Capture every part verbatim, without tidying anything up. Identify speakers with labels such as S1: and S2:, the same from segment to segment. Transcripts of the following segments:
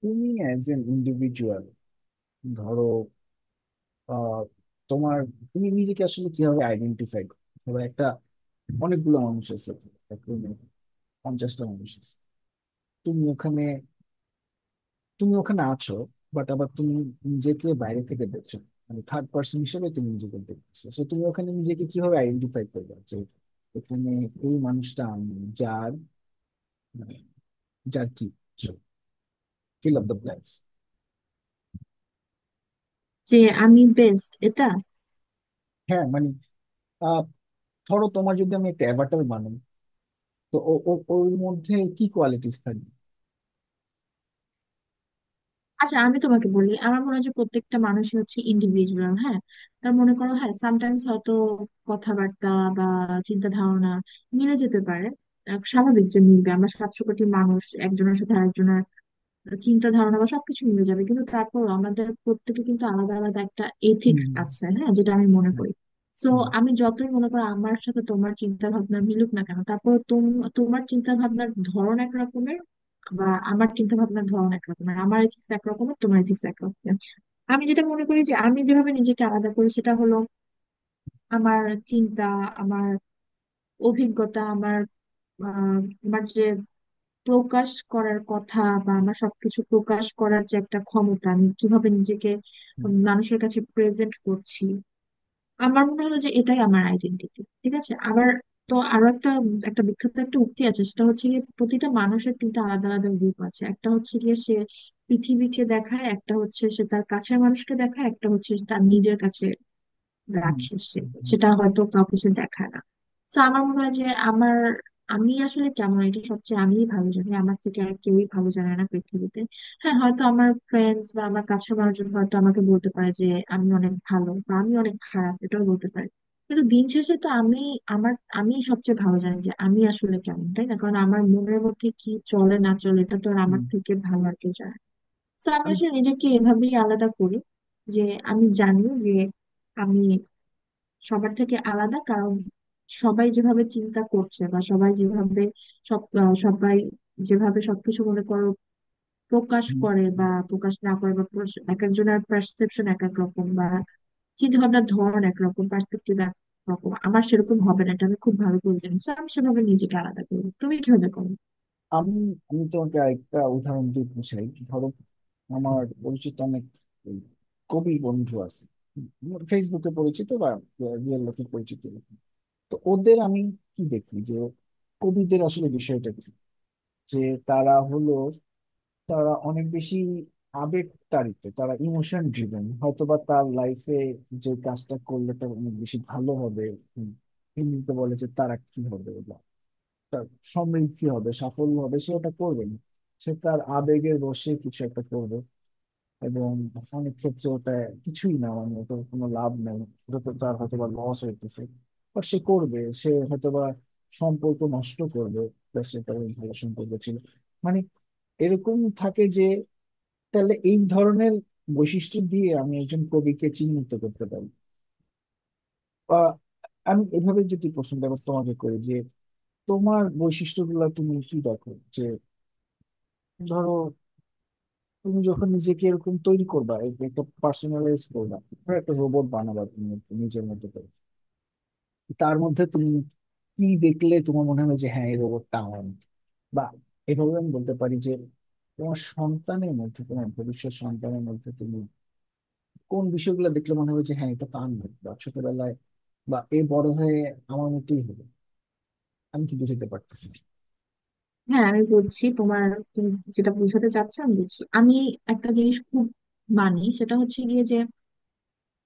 S1: তুমি as an individual ধরো আহ, তোমার তুমি নিজেকে আসলে কিভাবে আইডেন্টিফাই করো? ধরো একটা অনেকগুলো মানুষ আছে একটা room এ, পঞ্চাশটা মানুষ আছে, তুমি ওখানে তুমি ওখানে আছো, বাট আবার তুমি নিজেকে বাইরে থেকে দেখছো না। মানে থার্ড পার্সন হিসেবে তুমি নিজেকে দেখছো, তো তুমি ওখানে নিজেকে কিভাবে আইডেন্টিফাই করবে যে এখানে এই মানুষটা আমি, যার মানে যার কি, ফিল অফ দ্য ব্ল্যাঙ্কস।
S2: যে আমি বেস্ট এটা।
S1: হ্যাঁ মানে, আহ ধরো তোমার, যদি আমি একটা অ্যাভাটার বানাই, তো ও ও- ওর মধ্যে কি কোয়ালিটিস থাকে?
S2: আচ্ছা, আমি তোমাকে বলি, আমার মনে হয় যে প্রত্যেকটা মানুষই হচ্ছে ইন্ডিভিজুয়াল। হ্যাঁ, তার মনে করো, হ্যাঁ, সামটাইমস হয়তো কথাবার্তা বা চিন্তা ধারণা মিলে যেতে পারে। আহ, স্বাভাবিক যে মিলবে, আমরা সাতশো কোটি মানুষ, একজনের সাথে আরেকজনের চিন্তা ধারণা বা সবকিছু মিলে যাবে, কিন্তু তারপর আমাদের প্রত্যেকে কিন্তু আলাদা আলাদা একটা
S1: হুম,
S2: এথিক্স আছে, হ্যাঁ, যেটা আমি মনে
S1: হুম,
S2: করি। সো,
S1: হুম,
S2: আমি যতই মনে করি আমার সাথে তোমার চিন্তা ভাবনা মিলুক না কেন, তারপর তোমার চিন্তা ভাবনার ধরন এক রকমের বা আমার চিন্তা ভাবনার ধরন এক রকমের, আমার এথিক্স এক রকমের, তোমার এথিক্স এক রকমের। আমি যেটা মনে করি যে আমি যেভাবে নিজেকে আলাদা করি সেটা হলো আমার চিন্তা, আমার অভিজ্ঞতা, আমার আহ, আমার যে প্রকাশ করার কথা বা আমার সবকিছু প্রকাশ করার যে একটা ক্ষমতা, আমি কিভাবে নিজেকে
S1: হুম,
S2: উম মানুষের কাছে প্রেজেন্ট করছি। আমার মনে হলো যে এটাই আমার আইডেন্টিটি, ঠিক আছে? আবার তো আরো একটা একটা বিখ্যাত একটা উক্তি আছে, সেটা হচ্ছে গিয়ে প্রতিটা মানুষের তিনটা আলাদা আলাদা রূপ আছে। একটা হচ্ছে গিয়ে সে পৃথিবীকে দেখায়, একটা হচ্ছে সে তার কাছের মানুষকে দেখায়, একটা হচ্ছে তার নিজের কাছে
S1: হুম,
S2: রাখে সে,
S1: হুম, হুম,
S2: সেটা হয়তো কাউকে সে দেখায় না। তো আমার মনে হয় যে আমার, আমি আসলে কেমন, এটা সবচেয়ে আমিই ভালো জানি, আমার থেকে আর কেউই ভালো জানে না পৃথিবীতে। হ্যাঁ, হয়তো আমার ফ্রেন্ডস বা আমার কাছের মানুষজন হয়তো আমাকে বলতে পারে যে আমি অনেক ভালো, বা আমি অনেক খারাপ এটাও বলতে পারে, কিন্তু দিন শেষে তো আমি, আমার, আমি সবচেয়ে ভালো জানি যে আমি আসলে কেমন। তাই না? কারণ আমার মনের মধ্যে কি চলে না চলে, এটা তো আর আমার
S1: হুম।
S2: থেকে ভালো আর কেউ জানে না। তো আমি
S1: আমি,
S2: আসলে নিজেকে এভাবেই আলাদা করি যে আমি জানি যে আমি সবার থেকে আলাদা, কারণ সবাই যেভাবে চিন্তা করছে বা সবাই যেভাবে সব আহ, সবাই যেভাবে সবকিছু মনে করো প্রকাশ
S1: হুম,
S2: করে
S1: হুম।
S2: বা প্রকাশ না করে বা প্রস- এক একজনের পারসেপশন এক এক রকম বা চিন্তা ভাবনার ধরন একরকম, পার্সপেক্টিভ একরকম, আমার সেরকম হবে না, এটা আমি খুব ভালো করে জানি। So, আমি সেভাবে নিজেকে আলাদা করি। তুমি কিভাবে করো?
S1: আমি আমি তোমাকে একটা উদাহরণ দিতে চাই। ধরো, আমার পরিচিত অনেক এই, কবি বন্ধু আছে, আমার ফেসবুকে পরিচিত বা রিয়েল লাইফে পরিচিত এরকম। তো ওদের আমি কি দেখি, যে কবিদের আসলে বিষয়টা কি, যে তারা হলো, তারা অনেক বেশি আবেগ তাড়িত, তারা ইমোশন ড্রিভেন। হয়তোবা তার লাইফে যে কাজটা করলে তার অনেক বেশি ভালো হবে, উম, হিন্দিতে বলে যে তারা কি হবে, বা তার সমৃদ্ধি হবে, সাফল্য হবে, সে ওটা করবে না, সে তার আবেগের বশে কিছু একটা করবে। এবং অনেক ক্ষেত্রে ওটা কিছুই না, মানে ওটার কোনো লাভ নেই, ওটা তো তার হয়তোবা লস হইতেছে, বা সে করবে, সে হয়তোবা সম্পর্ক নষ্ট করবে, তার সাথে তার ভালো সম্পর্ক ছিল। মানে এরকম থাকে যে, তাহলে এই ধরনের বৈশিষ্ট্য দিয়ে আমি একজন কবিকে চিহ্নিত করতে পারি। বা আমি এভাবে যদি প্রশ্নটা এবার তোমাকে করি, যে তোমার বৈশিষ্ট্যগুলো তুমি কি দেখো, যে ধরো তুমি যখন নিজেকে এরকম তৈরি করবা, এক- একটা পার্সোনালাইজ করবা, ধরো একটা রোবট বানাবা তুমি, একটু নিজের মতো করে, তার মধ্যে তুমি কি দেখলে তোমার মনে হবে যে হ্যাঁ এই রোবটটা আমার মতো? বা এভাবে আমি বলতে পারি যে, তোমার সন্তানের মধ্যে, তোমার ভবিষ্যৎ সন্তানের মধ্যে তুমি কোন বিষয়গুলো দেখলে মনে হবে যে হ্যাঁ এটা তো আমি, বা ছোটবেলায়, বা এই বড় হয়ে আমার মতোই হবে। আমি কি বুঝতে পারতেছি না।
S2: হ্যাঁ, আমি বলছি, তোমার, তুমি যেটা বোঝাতে চাচ্ছ আমি বুঝছি। আমি একটা জিনিস খুব মানি, সেটা হচ্ছে গিয়ে যে,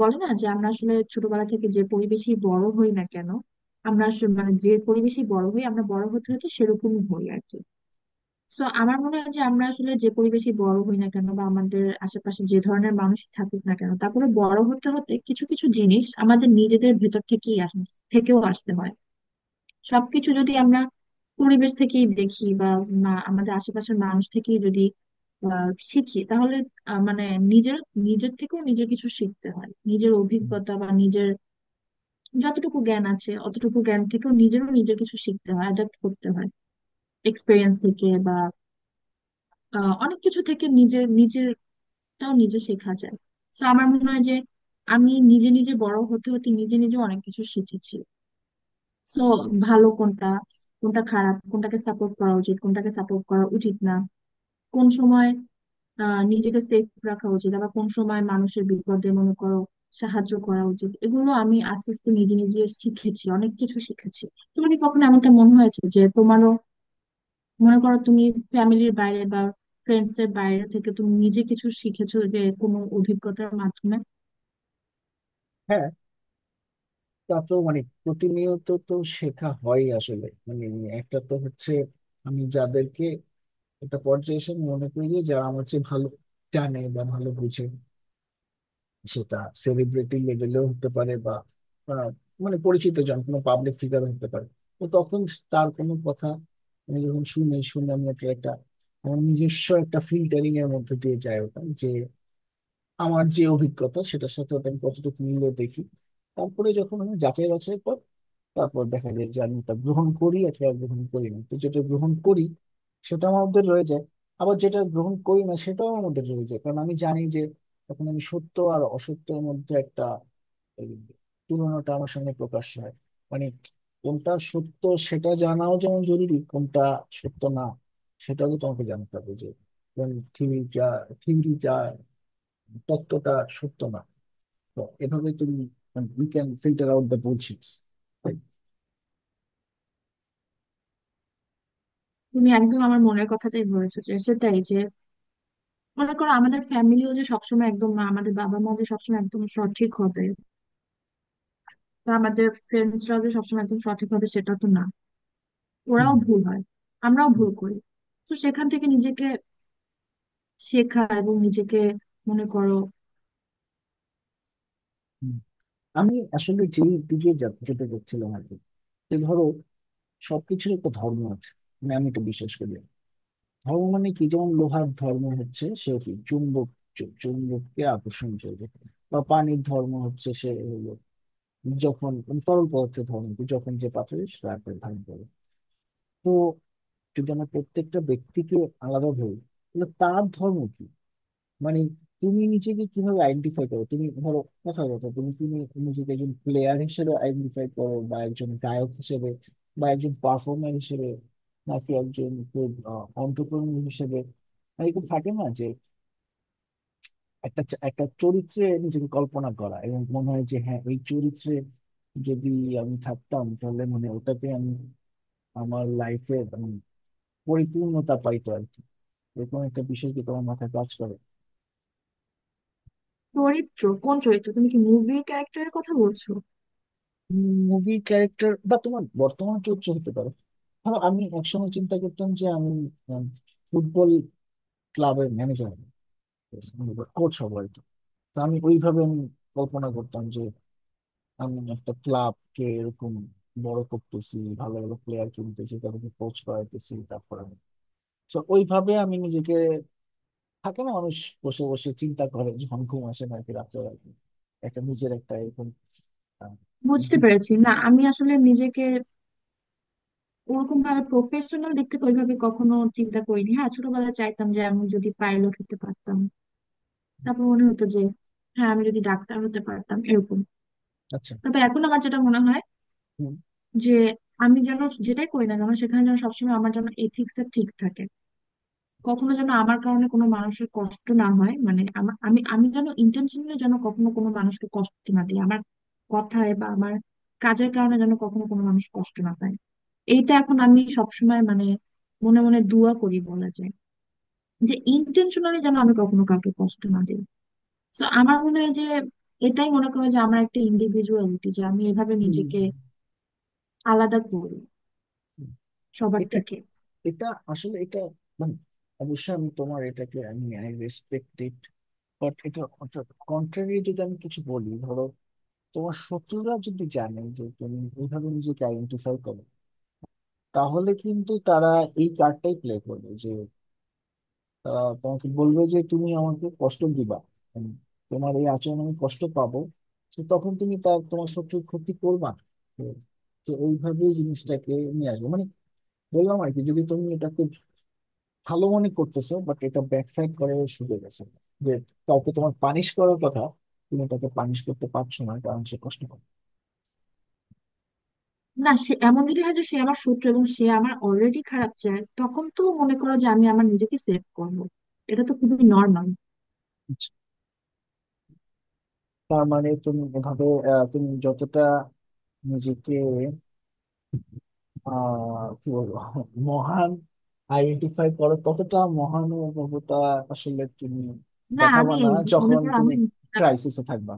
S2: বলে না যে আমরা আসলে ছোটবেলা থেকে যে পরিবেশে বড় হই না কেন, আমরা আসলে মানে যে পরিবেশে বড় হই আমরা বড় হতে হতে সেরকম হই আর কি। তো আমার মনে হয় যে আমরা আসলে যে পরিবেশে বড় হই না কেন বা আমাদের আশেপাশে যে ধরনের মানুষ থাকুক না কেন, তারপরে বড় হতে হতে কিছু কিছু জিনিস আমাদের নিজেদের ভেতর থেকেই আস থেকেও আসতে হয়। সবকিছু যদি আমরা পরিবেশ থেকেই দেখি বা মা- আমাদের আশেপাশের মানুষ থেকেই যদি আহ, শিখি, তাহলে আহ, মানে নিজের, নিজের থেকেও নিজের কিছু শিখতে হয়, নিজের
S1: হুম।
S2: অভিজ্ঞতা বা নিজের যতটুকু জ্ঞান আছে অতটুকু জ্ঞান থেকেও নিজেরও নিজের কিছু শিখতে হয়, অ্যাডাপ্ট করতে হয় এক্সপিরিয়েন্স থেকে বা আহ, অনেক কিছু থেকে, নিজের নিজেরটাও নিজে শেখা যায়। তো আমার মনে হয় যে আমি নিজে নিজে বড় হতে হতে নিজে নিজে অনেক কিছু শিখেছি। সো, ভালো কোনটা, কোনটা খারাপ, কোনটাকে সাপোর্ট করা উচিত, কোনটাকে সাপোর্ট করা উচিত না, কোন সময় আহ, নিজেকে সেফ রাখা উচিত, আবার কোন সময় মানুষের বিপদে মনে করো সাহায্য করা উচিত, এগুলো আমি আস্তে আস্তে নিজে নিজে শিখেছি, অনেক কিছু শিখেছি। তোমার কি কখনো এমনটা মনে হয়েছে যে তোমারও, মনে করো, তুমি ফ্যামিলির বাইরে বা ফ্রেন্ডস এর বাইরে থেকে তুমি নিজে কিছু শিখেছো যে কোনো অভিজ্ঞতার মাধ্যমে?
S1: হ্যাঁ তা তো মানে প্রতিনিয়ত তো শেখা হয় আসলে। মানে একটা তো হচ্ছে, আমি যাদেরকে একটা পর্যায়ে এসে আমি মনে করি যে যারা আমার চেয়ে ভালো জানে বা ভালো বুঝে, সেটা সেলিব্রিটি লেভেলেও হতে পারে, বা আহ, মানে পরিচিত জন, কোনো পাবলিক ফিগার হতে পারে। তো তখন তার কোনো কথা আমি যখন শুনি, শুনে আমি একটা, একটা আমার নিজস্ব একটা ফিল্টারিং এর মধ্যে দিয়ে যায় ওটা, যে আমার যে অভিজ্ঞতা, সেটার সাথে ওটা আমি কতটুকু মিলে দেখি। তারপরে যখন আমি যাচাই বাছাই করি, তারপর দেখা যায় যে আমি তা গ্রহণ করি অথবা গ্রহণ করি না। তো যেটা গ্রহণ করি সেটা আমার মধ্যে রয়ে যায়, আবার যেটা গ্রহণ করি না সেটাও আমার মধ্যে রয়ে যায়, কারণ আমি জানি যে তখন আমি সত্য আর অসত্যের মধ্যে একটা এই তুলনাটা আমার সামনে প্রকাশ হয়। মানে কোনটা সত্য সেটা জানাও যেমন জরুরি, কোনটা সত্য না সেটাও তো তোমাকে জানতে হবে, যে থিওরি যা থিওরি যা তত্ত্বটা সত্য না। তো এভাবে তুমি, we can filter out the bullshits.
S2: তুমি একদম আমার মনের কথাটাই বলেছো, যে সেটাই, যে মনে করো আমাদের ফ্যামিলিও যে সবসময় একদম না, আমাদের বাবা মা যে সবসময় একদম সঠিক হবে বা আমাদের ফ্রেন্ডসরা যে সবসময় একদম সঠিক হবে সেটা তো না, ওরাও ভুল হয়, আমরাও ভুল করি। তো সেখান থেকে নিজেকে শেখা এবং নিজেকে মনে করো।
S1: হুম। আমি আসলে যে দিকে যা- যেতে চাচ্ছিলাম আর কি, যে ধরো সবকিছুর একটা ধর্ম আছে, মানে আমি এটা বিশ্বাস করি। ধর্ম মানে কি, যেমন লোহার ধর্ম হচ্ছে সে কি, চুম্বক, চু- চুম্বককে আকর্ষণ করবে। বা পানির ধর্ম হচ্ছে, সে হলো যখন মানে তরল পদার্থের ধর্ম কি, যখন যে পাথরে সেটা আকার ধারণ করে। তো যদি আমরা প্রত্যেকটা ব্যক্তিকে আলাদা ধরি, তাহলে তার ধর্ম কি? মানে তুমি নিজেকে কিভাবে আইডেন্টিফাই করো? তুমি ধরো, কথা কথা, তুমি তুমি নিজেকে একজন প্লেয়ার হিসেবে আইডেন্টিফাই করো, বা একজন গায়ক হিসেবে, বা একজন পারফর্মার হিসেবে, নাকি একজন অন্টারপ্রেনিউর হিসেবে। মানে এরকম থাকে না যে একটা চ- একটা চরিত্রে নিজেকে কল্পনা করা, এবং মনে হয় যে হ্যাঁ এই চরিত্রে যদি আমি থাকতাম তাহলে মানে ওটাতে আমি, আমার লাইফে পরিপূর্ণতা পাইতো আর কি। এরকম একটা বিষয় কি তোমার মাথায় কাজ করে?
S2: চরিত্র? কোন চরিত্র? তুমি কি মুভি ক্যারেক্টারের কথা বলছো?
S1: মুভি ক্যারেক্টার, বা তোমার বর্তমান চরিত্র হতে পারে। ধরো আমি একসময় চিন্তা করতাম যে আমি উম, ফুটবল ক্লাবের ম্যানেজার, কোচ হবো আর কি। তো আমি ওইভাবে আমি কল্পনা করতাম যে আমি একটা ক্লাবকে এরকম বড় করতেছি, ভালো ভালো প্লেয়ার কিনতেছি, তাদেরকে কোচ করাইতেছি, তারপর আমি, তো ওইভাবে আমি নিজেকে। থাকে না মানুষ বসে বসে চিন্তা করে যখন ঘুম আসে না আর কি, রাত্রে রাত্রে। একটা নিজের একটা এরকম আহ,
S2: বুঝতে
S1: দিক।
S2: পেরেছি না, আমি আসলে নিজেকে ওরকম ভাবে প্রফেশনাল দিক থেকে ওইভাবে কখনো চিন্তা করিনি। হ্যাঁ, ছোটবেলায় চাইতাম যে আমি যদি পাইলট হতে পারতাম, তারপর মনে হতো যে হ্যাঁ আমি যদি ডাক্তার হতে পারতাম, এরকম।
S1: আচ্ছা,
S2: তবে এখন আমার যেটা মনে হয়
S1: হুম,
S2: যে আমি যেন, যেটাই করি না কেন সেখানে যেন সবসময় আমার যেন এথিক্স ঠিক থাকে, কখনো যেন আমার কারণে কোনো মানুষের কষ্ট না হয়, মানে আমা- আমি আমি যেন ইন্টেনশনালি যেন কখনো কোনো মানুষকে কষ্ট না দিই, আমার কথায় বা আমার কাজের কারণে যেন কখনো কোনো মানুষ কষ্ট না পায়। এইটা এখন আমি সবসময় মানে মনে মনে দোয়া করি বলা যায়, যে ইন্টেনশনালি যেন আমি কখনো কাউকে কষ্ট না দিই। তো আমার মনে হয় যে এটাই মনে করে যে আমার একটা ইন্ডিভিজুয়ালিটি, যে আমি এভাবে
S1: হুম,
S2: নিজেকে আলাদা করি
S1: হুম।
S2: সবার
S1: এটা
S2: থেকে।
S1: এটা আসলে এটা মানে, অবশ্যই আমি তোমার এটাকে আমি আই রেসপেক্ট ইট, বাট এটা কন্ট্রারি যদি আমি কিছু বলি। ধরো তোমার শত্রুরা যদি জানে যে তুমি এইভাবে নিজেকে আইডেন্টিফাই করো, তাহলে কিন্তু তারা এই কার্ডটাই প্লে করবে, যে তারা তোমাকে বলবে যে তুমি আমাকে কষ্ট দিবা, মানে তোমার এই আচরণ আমি কষ্ট পাবো, তো তখন তুমি তার, তোমার শত্রুর ক্ষতি করবা না। তো তো ওইভাবেই জিনিসটাকে নিয়ে আসবে মানে, বললাম আর কি, যদি তুমি এটাকে ভালো মনে করতেছো, বাট এটা ব্যাকসাইড করে শুরু গেছে, যে কাউকে তোমার পানিশ করার কথা, তুমি তাকে পানিশ করতে পারছো না কারণ সে কষ্ট করে।
S2: না, সে এমন যদি হয় যে সে আমার শত্রু এবং সে আমার অলরেডি খারাপ চায়, তখন তো মনে করো যে আমি আমার নিজেকে সেভ করবো, এটা তো খুবই নর্মাল।
S1: তার মানে তুমি এভাবে, আহ, তুমি যতটা নিজেকে, আহ কি বলবো, মহান আইডেন্টিফাই করো, ততটা মহানুভবতা আসলে তুমি
S2: না,
S1: দেখাবা
S2: আমি
S1: না
S2: মনে
S1: যখন
S2: করো
S1: তুমি
S2: আমি,
S1: ক্রাইসিসে থাকবা,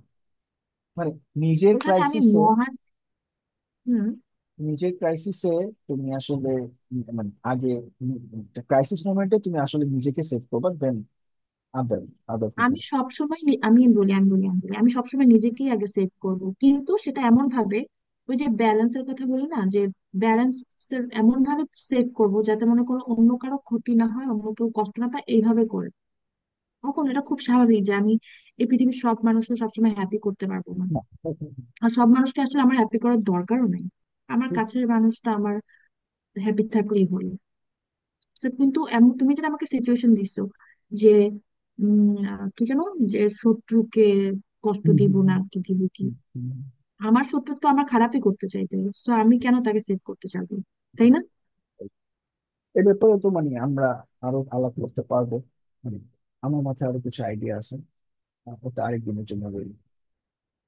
S1: মানে নিজের
S2: ওখানে আমি
S1: ক্রাইসিসে।
S2: মহান। হুম,
S1: নিজের ক্রাইসিসে তুমি আসলে, উম মানে আগে, ক্রাইসিস মোমেন্টে তুমি আসলে নিজেকে সেভ করবা, দেন আদার আদার পিপল।
S2: আমি সবসময় নি- আমি বলি আমি বলি আমি বলি আমি সবসময় নিজেকেই আগে সেভ করবো, কিন্তু সেটা এমন ভাবে, ওই যে ব্যালেন্সের কথা বলি না, যে ব্যালেন্স, এমন ভাবে সেভ করবো যাতে মনে করো অন্য কারো ক্ষতি না হয়, অন্য কেউ কষ্ট না পায়, এইভাবে করবো। কখনো, এটা খুব স্বাভাবিক যে আমি এই পৃথিবীর সব মানুষকে সবসময় হ্যাপি করতে পারবো না,
S1: না।
S2: আর সব মানুষকে আসলে আমার হ্যাপি করার দরকারও নাই, আমার কাছের মানুষটা আমার হ্যাপি থাকলেই হলো। So, কিন্তু এমন তুমি যেটা আমাকে সিচুয়েশন দিছো, যে উম আহ, কি জানো, যে শত্রুকে কষ্ট
S1: হুম,
S2: দিব
S1: হুম,
S2: না
S1: হুম,
S2: কি দিব কি,
S1: হুম, হুম।
S2: আমার শত্রু তো আমার খারাপই করতে চাইবে, তো আমি কেন তাকে সেভ করতে চাইবো, তাই না?
S1: এ ব্যাপারে তো মানে আমরা আরো আলাপ করতে পারবো, মানে আমার মাথায় আরো কিছু আইডিয়া আছে। আহ, ওটা আরেকদিনের জন্য রইলো।